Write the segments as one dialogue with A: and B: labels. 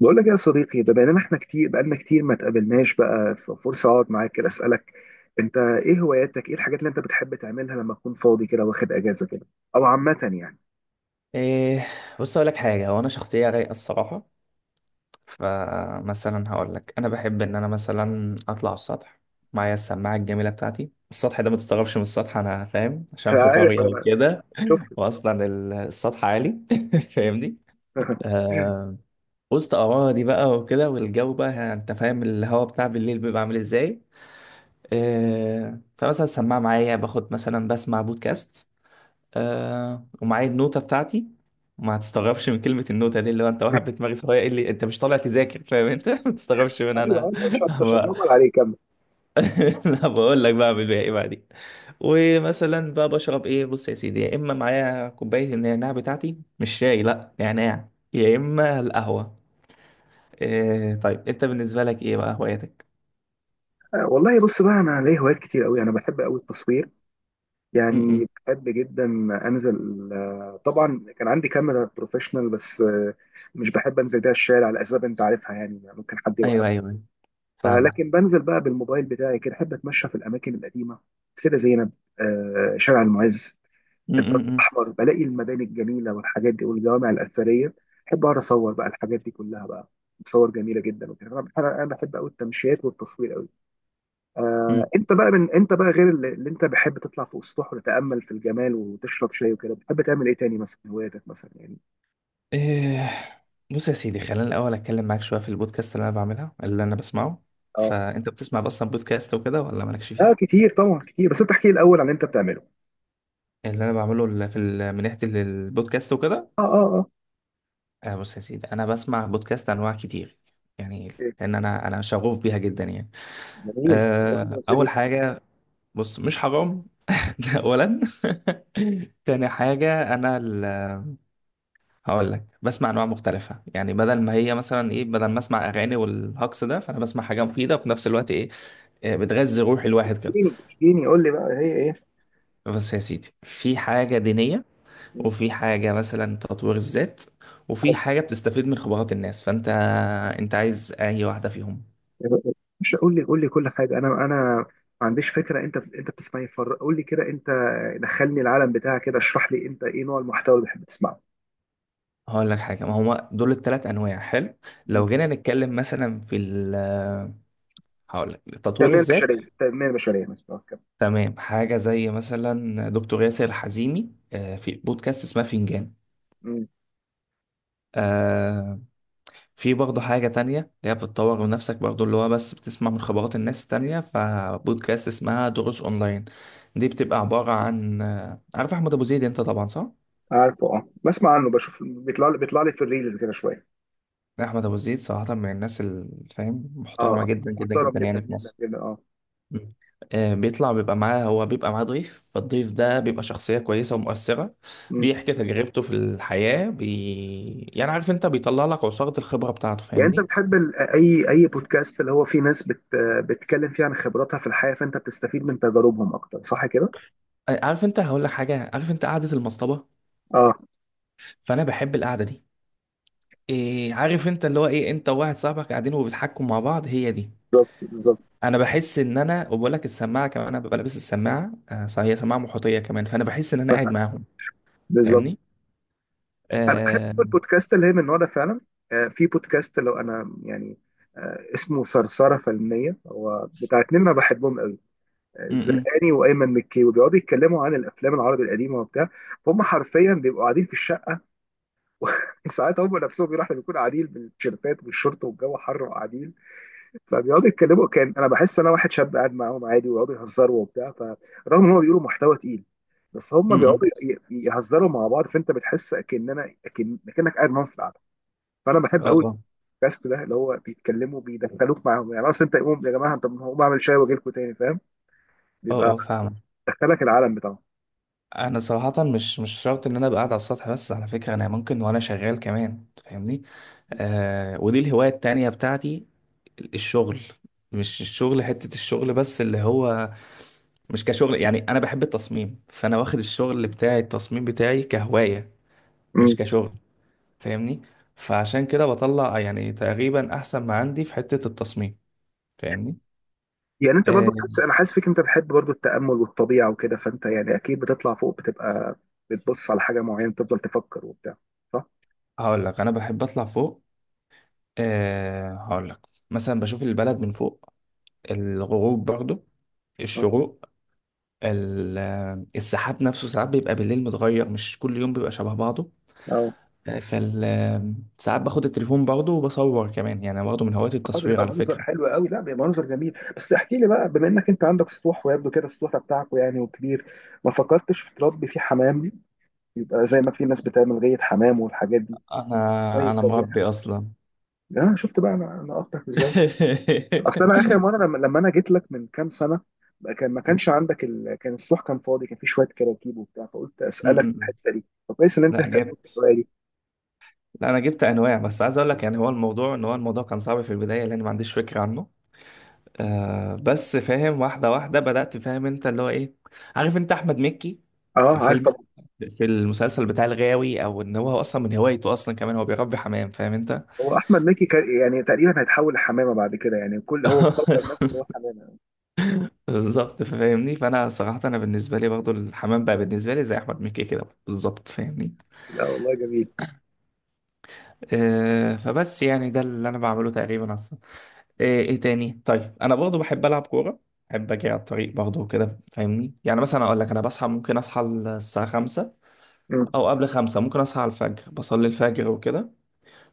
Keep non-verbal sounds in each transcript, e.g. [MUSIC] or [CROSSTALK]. A: بقول لك إيه يا صديقي؟ ده بقينا احنا كتير، بقالنا كتير ما اتقابلناش بقى، ففرصة اقعد معاك كده اسألك انت ايه هواياتك، ايه الحاجات اللي انت بتحب تعملها لما تكون فاضي كده، واخد اجازة كده او عامة يعني.
B: إيه، بص اقول لك حاجه. هو انا شخصيه رايقه الصراحه. فمثلا هقول لك انا بحب ان انا اطلع السطح معايا السماعه الجميله بتاعتي. السطح ده ما تستغربش من السطح، انا فاهم،
A: [LAUGHS]
B: عشان
A: أنا
B: في
A: عارف
B: قريه
A: انا
B: وكده.
A: شفت.
B: واصلا السطح عالي. [LAUGHS] فاهمني؟
A: [LAUGHS]
B: آه. وسط اراضي بقى وكده، والجو بقى انت فاهم الهواء بتاع بالليل بيبقى عامل ازاي. آه، فمثلا السماعه معايا، باخد مثلا بسمع بودكاست. آه، ومعايا النوتة بتاعتي. ما هتستغربش من كلمة النوتة دي، اللي هو انت واحد بدماغي صغير، ايه اللي انت مش طالع تذاكر؟ فاهم انت؟ [LAUGHS] ما تستغربش من
A: ايوه
B: انا
A: ايوه، مش
B: بقى.
A: هتنمر عليك، كمل.
B: [LAUGHS] لا بقول لك بقى بعمل بيها ايه بعدين. ومثلا بقى بشرب ايه؟ بص يا سيدي، يا اما معايا كوباية النعناع بتاعتي، مش شاي، لا، نعناع، يا اما القهوة. إيه طيب انت بالنسبة لك ايه بقى هواياتك؟
A: والله بص بقى، انا ليا هوايات كتير قوي، انا بحب قوي التصوير،
B: م-م.
A: يعني بحب جدا. انزل، طبعا كان عندي كاميرا بروفيشنال، بس مش بحب انزل بيها الشارع لاسباب انت عارفها، يعني ممكن حد
B: ايوه
A: يوقفني.
B: ايوه، أيوة، فاهمك.
A: فلكن بنزل بقى بالموبايل بتاعي كده، احب اتمشى في الاماكن القديمه، سيده زينب، شارع المعز، الدرب
B: م-م-م.
A: الاحمر، بلاقي المباني الجميله والحاجات دي والجوامع الاثريه، احب اقعد اصور بقى الحاجات دي كلها بقى، صور جميله جدا وكده. انا بحب قوي التمشيات والتصوير قوي. انت بقى، من انت بقى غير اللي انت بحب تطلع فوق السطوح وتتامل في الجمال وتشرب شاي وكده، بتحب تعمل ايه تاني مثلا، هواياتك مثلا يعني؟
B: إيه، بص يا سيدي، خلينا الأول أتكلم معاك شوية في البودكاست اللي أنا بعملها، اللي أنا بسمعه.
A: اه
B: فأنت بتسمع أصلا بودكاست وكده ولا مالكش
A: اه،
B: فيه؟
A: كتير طبعا كتير، بس انت احكي لي الاول عن اللي انت بتعمله.
B: اللي أنا بعمله ال- في ال- من ناحية ال- البودكاست وكده.
A: اه اه اه.
B: آه، بص يا سيدي، أنا بسمع بودكاست أنواع كتير يعني.
A: إيه،
B: لأن أنا شغوف بيها جدا يعني.
A: جميل، قول لي يا
B: آه،
A: سيدي.
B: أول حاجة، بص مش حرام؟ [LAUGHS] ده أولا. [LAUGHS] تاني حاجة هقول لك بسمع انواع مختلفه. يعني بدل ما هي مثلا ايه، بدل ما اسمع اغاني والهجص ده، فانا بسمع حاجه مفيده وفي نفس الوقت ايه، آه، بتغذي روح الواحد كده.
A: اشجيني اشجيني، قول لي بقى هي ايه.
B: بس يا سيدي، في حاجة دينية،
A: مم.
B: وفي حاجة مثلا تطوير الذات، وفي
A: حلو.
B: حاجة بتستفيد من خبرات الناس. فأنت أنت عايز أي واحدة فيهم؟
A: مش قول لي، قول لي كل حاجه، انا ما عنديش فكره، انت بتسمعي فر، قول لي كده انت، دخلني العالم بتاعك كده، اشرح لي انت ايه نوع المحتوى اللي بتحب تسمعه.
B: هقول لك حاجة، ما هما دول التلات أنواع حلو.
A: مم.
B: لو جينا نتكلم مثلا في هقول لك تطوير
A: التنميه
B: الذات،
A: البشريه التنميه البشريه مثلا كده.
B: تمام. حاجة زي مثلا دكتور ياسر الحزيمي، آه، في بودكاست اسمها فنجان.
A: مم.
B: آه، في برضه حاجة تانية اللي هي بتطور من نفسك برضه، اللي هو بس بتسمع من خبرات الناس التانية، فبودكاست اسمها دروس أونلاين. دي بتبقى عبارة عن، عارف أحمد أبو زيد أنت طبعا، صح؟
A: عارفه، اه، بسمع عنه، بشوف بيطلع لي في الريلز كده شويه.
B: أحمد أبو زيد صراحة من الناس الفاهم،
A: اه
B: محترمة
A: آه.
B: جدا جدا
A: محترم
B: جدا
A: جدا
B: يعني في
A: جدا
B: مصر.
A: جدا، اه.
B: مم. آه، بيطلع بيبقى معاه، هو بيبقى معاه ضيف، فالضيف ده بيبقى شخصية كويسة ومؤثرة.
A: مم.
B: بيحكي تجربته في الحياة يعني عارف أنت، بيطلع لك عصارة الخبرة بتاعته،
A: يعني انت
B: فاهمني؟
A: بتحب اي بودكاست اللي هو فيه ناس بتتكلم فيه عن خبراتها في الحياه، فانت بتستفيد من تجاربهم اكتر، صح كده؟
B: آه، عارف أنت، هقول لك حاجة، عارف أنت قعدة المصطبة؟
A: اه،
B: فأنا بحب القعدة دي. إيه عارف انت، اللي هو ايه، انت وواحد صاحبك قاعدين وبيضحكوا مع بعض، هي دي.
A: بالظبط بالظبط
B: انا بحس ان انا، وبقول لك السماعه كمان، انا ببقى لابس السماعه، آه صح، هي سماعه محيطيه كمان، فانا بحس ان انا قاعد معاهم.
A: بالظبط.
B: فاهمني؟
A: انا بحب
B: آه.
A: البودكاست اللي هي من النوع ده فعلا. في بودكاست، لو انا يعني، اسمه صرصره فنيه، هو بتاع اتنين انا بحبهم قوي،
B: م-م،
A: الزرقاني وايمن مكي، وبيقعدوا يتكلموا عن الافلام العربي القديمه وبتاع. هم حرفيا بيبقوا قاعدين في الشقه. [LAUGHS] وساعات هم نفسهم بيروحوا بيكونوا قاعدين بالتيشيرتات والشورت والجو حر وقاعدين، فبيقعدوا يتكلموا، كان انا بحس انا واحد شاب قاعد معاهم عادي، ويقعدوا يهزروا وبتاع، فرغم ان هم بيقولوا محتوى تقيل، بس هم
B: م-م.
A: بيقعدوا يهزروا مع بعض، فانت بتحس اكننا اكن اكنك قاعد معاهم في القعده. فانا بحب
B: اه
A: قوي
B: اه
A: البودكاست ده، اللي هو بيتكلموا بيدخلوك معاهم، يعني اصل انت قوم يا جماعه، طب ما هقوم اعمل شاي واجي لكم تاني، فاهم؟
B: اه
A: بيبقى
B: اه فاهم.
A: دخلك العالم بتاعهم.
B: انا صراحه مش شرط ان انا ابقى قاعد على السطح، بس على فكره انا ممكن وانا شغال كمان، فاهمني؟ آه، ودي الهوايه التانيه بتاعتي، الشغل. مش الشغل حتة الشغل بس، اللي هو مش كشغل، يعني انا بحب التصميم، فانا واخد الشغل بتاعي، التصميم بتاعي كهواية
A: مم.
B: مش كشغل، فاهمني؟ فعشان كده بطلع يعني تقريبا احسن ما عندي في حتة التصميم، فاهمني؟
A: يعني انت برضو
B: أه،
A: حاسس، انا حاسس فيك انت بتحب برضو التامل والطبيعه وكده، فانت يعني اكيد بتطلع فوق، بتبقى بتبص على حاجه معينه، بتفضل تفكر وبتاع، صح؟
B: هقول لك انا بحب اطلع فوق. أه، هقول لك، مثلا بشوف البلد من فوق، الغروب برضو، الشروق، ال- السحاب نفسه ساعات بيبقى بالليل متغير، مش كل يوم بيبقى شبه بعضه.
A: اه
B: فال ساعات باخد التليفون برضه وبصور كمان، يعني أنا برضه من هواية
A: اه.
B: التصوير
A: بيبقى
B: على فكرة.
A: منظر حلو قوي، لا بيبقى منظر جميل. بس احكي لي بقى، بما انك انت عندك سطوح، ويبدو كده السطوح بتاعكم يعني وكبير، ما فكرتش في تربي فيه حمام دي؟ يبقى زي ما في ناس بتعمل غية حمام والحاجات دي،
B: أنا
A: شوية
B: أنا
A: تربية
B: مربي أصلا.
A: حمام. اه شفت بقى انا انا اخطأت ازاي.
B: [LAUGHS]
A: اصل انا اخر مرة لما انا جيت لك من كام سنة، ما كانش عندك ال، كان السطوح كان فاضي، كان فيه شوية كراكيب وبتاع، فقلت اسألك في
B: م-م-م.
A: الحتة دي، فكويس ان انت
B: لا
A: اهتميت
B: جبت،
A: بالطريقة دي.
B: لا أنا جبت أنواع. بس عايز أقول لك يعني هو الموضوع، إن هو الموضوع كان صعب في البداية لأن ما عنديش فكرة عنه. آه بس فاهم، واحدة واحدة بدأت. فاهم أنت، اللي هو إيه، عارف أنت أحمد مكي
A: اه،
B: في
A: عارف
B: فيلم،
A: طبعا.
B: في المسلسل بتاع الغاوي، أو إن هو أصلا من هوايته أصلا كمان هو بيربي حمام، فاهم أنت؟
A: هو احمد مكي كان يعني تقريبا هيتحول لحمامة بعد كده يعني، كل هو مفكر
B: [LAUGHS]
A: نفسه ان هو حمامة.
B: بالظبط فاهمني. فانا صراحه انا بالنسبه لي برضو الحمام بقى بالنسبه لي زي احمد مكي كده بالظبط، فاهمني؟
A: لا والله جميل.
B: آه، فبس يعني ده اللي انا بعمله تقريبا اصلا. آه، ايه تاني؟ طيب انا برضو بحب العب كوره، بحب اجي على الطريق برضو كده، فاهمني؟ يعني مثلا اقول لك انا بصحى، ممكن اصحى الساعه 5،
A: مم.
B: او قبل 5 ممكن اصحى على الفجر، بصلي الفجر وكده،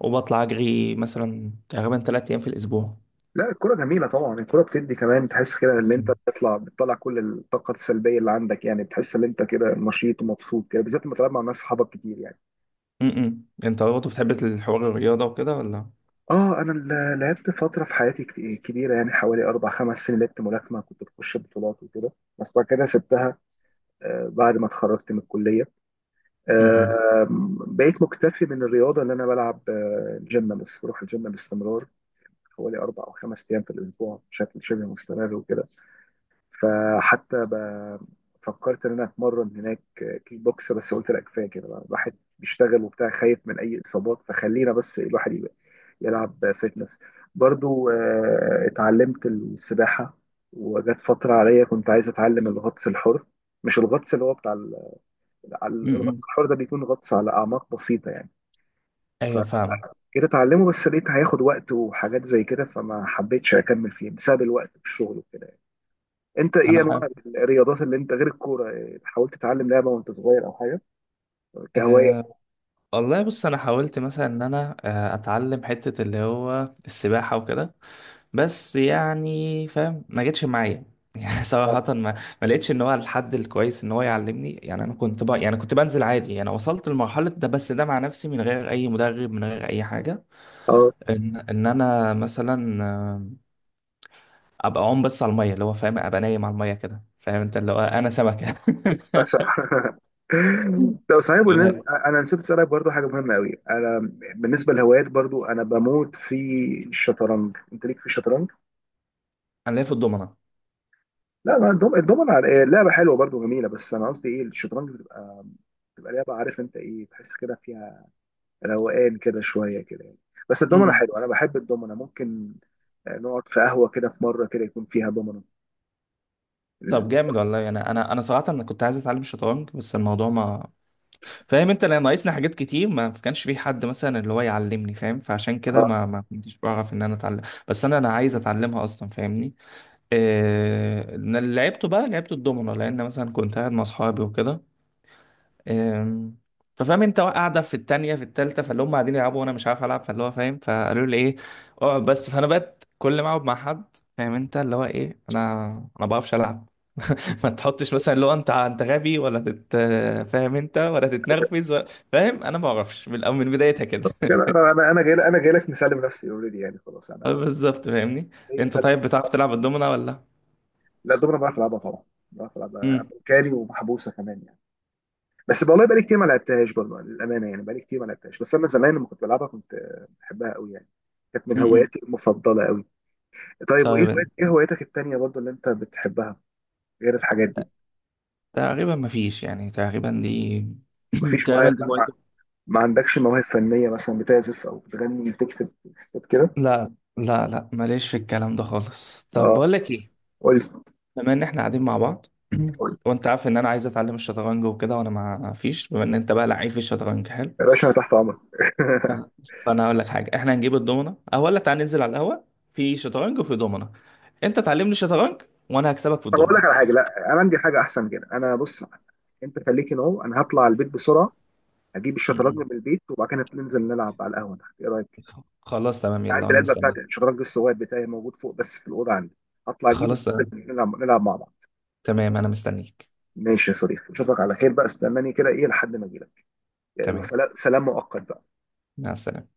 B: وبطلع اجري مثلا تقريبا 3 ايام في الاسبوع.
A: لا الكرة جميلة طبعا، الكرة بتدي كمان تحس كده ان انت
B: م-م.
A: بتطلع كل الطاقة السلبية اللي عندك، يعني بتحس ان انت كده نشيط ومبسوط كده، بالذات لما تلعب مع ناس صحابك كتير يعني.
B: م-م. انت برضو بتحب الحوار الرياضه وكده ولا؟
A: اه، انا لعبت فترة في حياتي كبيرة، يعني حوالي اربع خمس سنين لعبت ملاكمة، كنت بخش بطولات وكده، بس بعد كده سبتها. بعد ما اتخرجت من الكلية،
B: م-م.
A: آه، بقيت مكتفي من الرياضة اللي انا بلعب. جيم، بس بروح الجيم باستمرار، حوالي اربع او خمس ايام في الاسبوع بشكل شبه مستمر وكده. فحتى ب- فكرت ان انا اتمرن هناك كيك بوكس، بس قلت لا كفايه كده بقى، الواحد بيشتغل وبتاع، خايف من اي اصابات، فخلينا بس الواحد يبقى يلعب فيتنس برضو. اتعلمت السباحه، وجت فتره عليا كنت عايز اتعلم الغطس الحر، مش الغطس اللي هو بتاع
B: م-م.
A: الغطس الحر ده بيكون غطس على اعماق بسيطه يعني،
B: ايوه فاهمك.
A: فجيت اتعلمه، بس لقيت هياخد وقت وحاجات زي كده، فما حبيتش اكمل فيه بسبب الوقت والشغل. انت ايه
B: انا
A: انواع الرياضات اللي انت غير الكوره، إيه، حاولت تتعلم لعبه وانت صغير او حاجه كهوايه؟
B: أه، والله بص، انا حاولت مثلا ان انا آه، اتعلم حتة اللي هو السباحة وكده، بس يعني فاهم ما جتش معايا. [LAUGHS] يعني صراحة ما لقيتش ان هو الحد الكويس ان هو يعلمني. يعني انا كنت بقى، يعني كنت بنزل عادي، انا وصلت لمرحلة ده بس ده مع نفسي، من غير اي مدرب، من غير اي حاجة.
A: اه
B: ان انا مثلا آه، ابقى عوم بس على المية، اللي هو فاهم، ابقى نايم على المية كده، فاهم انت اللي هو انا سمكة.
A: بس. [LAUGHS] طب صحيح بالنسبه،
B: [LAUGHS]
A: انا نسيت اسالك برضو حاجه مهمه قوي، انا بالنسبه للهوايات برضو انا بموت في الشطرنج، انت ليك في الشطرنج؟
B: انا ليا في الضمنة.
A: لا، ما الدومنة إيه، لعبه حلوه برضو جميله، بس انا قصدي ايه، الشطرنج بتبقى بتبقى لعبه، عارف انت ايه، تحس كده فيها روقان كده شويه كده يعني. بس الدومنة حلوه، انا بحب الدومنة، ممكن نقعد في قهوه كده في مره كده يكون فيها دومنة.
B: طب جامد والله. انا صراحه، انا كنت عايز اتعلم الشطرنج بس الموضوع ما، فاهم انت، لان ناقصني حاجات كتير، ما كانش في حد مثلا اللي هو يعلمني، فاهم؟ فعشان كده
A: اه
B: ما كنتش بعرف ان انا اتعلم. بس انا عايز اتعلمها اصلا، فاهمني؟ أنا اللي لعبته بقى لعبت الدومينو، لان مثلا كنت قاعد مع اصحابي وكده. إيه... ففاهم انت، قاعده في التانية في التالتة، فاللي هم قاعدين يلعبوا وانا مش عارف العب، فاللي هو فاهم، فقالوا لي ايه اقعد بس. فانا بقت كل ما اقعد مع حد، فاهم انت، اللي هو ايه، انا ما بعرفش العب. [LAUGHS] ما تحطش مثلا لو انت غبي، ولا تت، فاهم انت، ولا تتنرفز، ولا، فاهم، انا ما اعرفش من من بدايتها كده.
A: كده،
B: [LAUGHS]
A: انا جاي، جاي لك مسلم نفسي اوريدي يعني، خلاص
B: اه
A: انا
B: بالظبط فاهمني.
A: جاي
B: انت
A: مسلم
B: طيب
A: نفسي.
B: بتعرف تلعب الدومنة ولا؟
A: لا الدومنه بعرف العبها طبعا، بعرف العبها
B: امم.
A: امريكاني ومحبوسه كمان يعني. بس والله بقالي كتير ما لعبتهاش برضه، للامانه يعني، بقالي كتير ما لعبتهاش، بس انا زمان لما كنت بلعبها كنت، بحبها قوي يعني، كانت من
B: امم.
A: هواياتي المفضله قوي. طيب وايه
B: طيب
A: ايه هواياتك التانيه برضه اللي انت بتحبها، غير الحاجات دي؟
B: تقريبا ما فيش، يعني تقريبا دي، [COUGHS] [CLEARS THROAT]
A: مفيش معايا،
B: تقريبا دي هوايتي.
A: ما عندكش مواهب فنيه مثلا؟ بتعزف او بتغني، بتكتب كده؟
B: لا لا لا، ماليش في الكلام ده خالص. طب
A: اه،
B: بقول لك ايه،
A: قول لي،
B: بما ان احنا قاعدين مع بعض، [COUGHS]
A: قول لي،
B: [CLEARS THROAT] وانت عارف ان انا عايز اتعلم الشطرنج وكده، وانا ما فيش، بما ان انت بقى لعيب في الشطرنج حلو،
A: يا باشا انا تحت امرك.
B: ف-
A: [LAUGHS]
B: فانا هقول لك حاجه، احنا هنجيب الضمنه او ولا تعال ننزل على القهوه، في شطرنج وفي ضمنه، انت تعلمني شطرنج وانا هكسبك في
A: طب اقول لك
B: الضمنه.
A: على حاجه، لا انا عندي حاجه احسن كده، انا بص، انت خليك نو، انا هطلع البيت بسرعه، اجيب
B: م-
A: الشطرنج
B: م.
A: من البيت، وبعد كده ننزل نلعب على القهوه تحت، ايه رايك؟
B: خلاص تمام،
A: عندي
B: يلا انا
A: العلبه بتاعت
B: مستنيك.
A: الشطرنج الصغير بتاعي، موجود فوق بس في الاوضه عندي، هطلع اجيبه،
B: خلاص تمام.
A: وننزل نلعب مع بعض.
B: تمام انا مستنيك.
A: ماشي يا صديقي، اشوفك على خير بقى، استناني كده ايه لحد ما اجي لك، يلا
B: تمام،
A: سلام، سلام مؤقت بقى.
B: مع السلامه.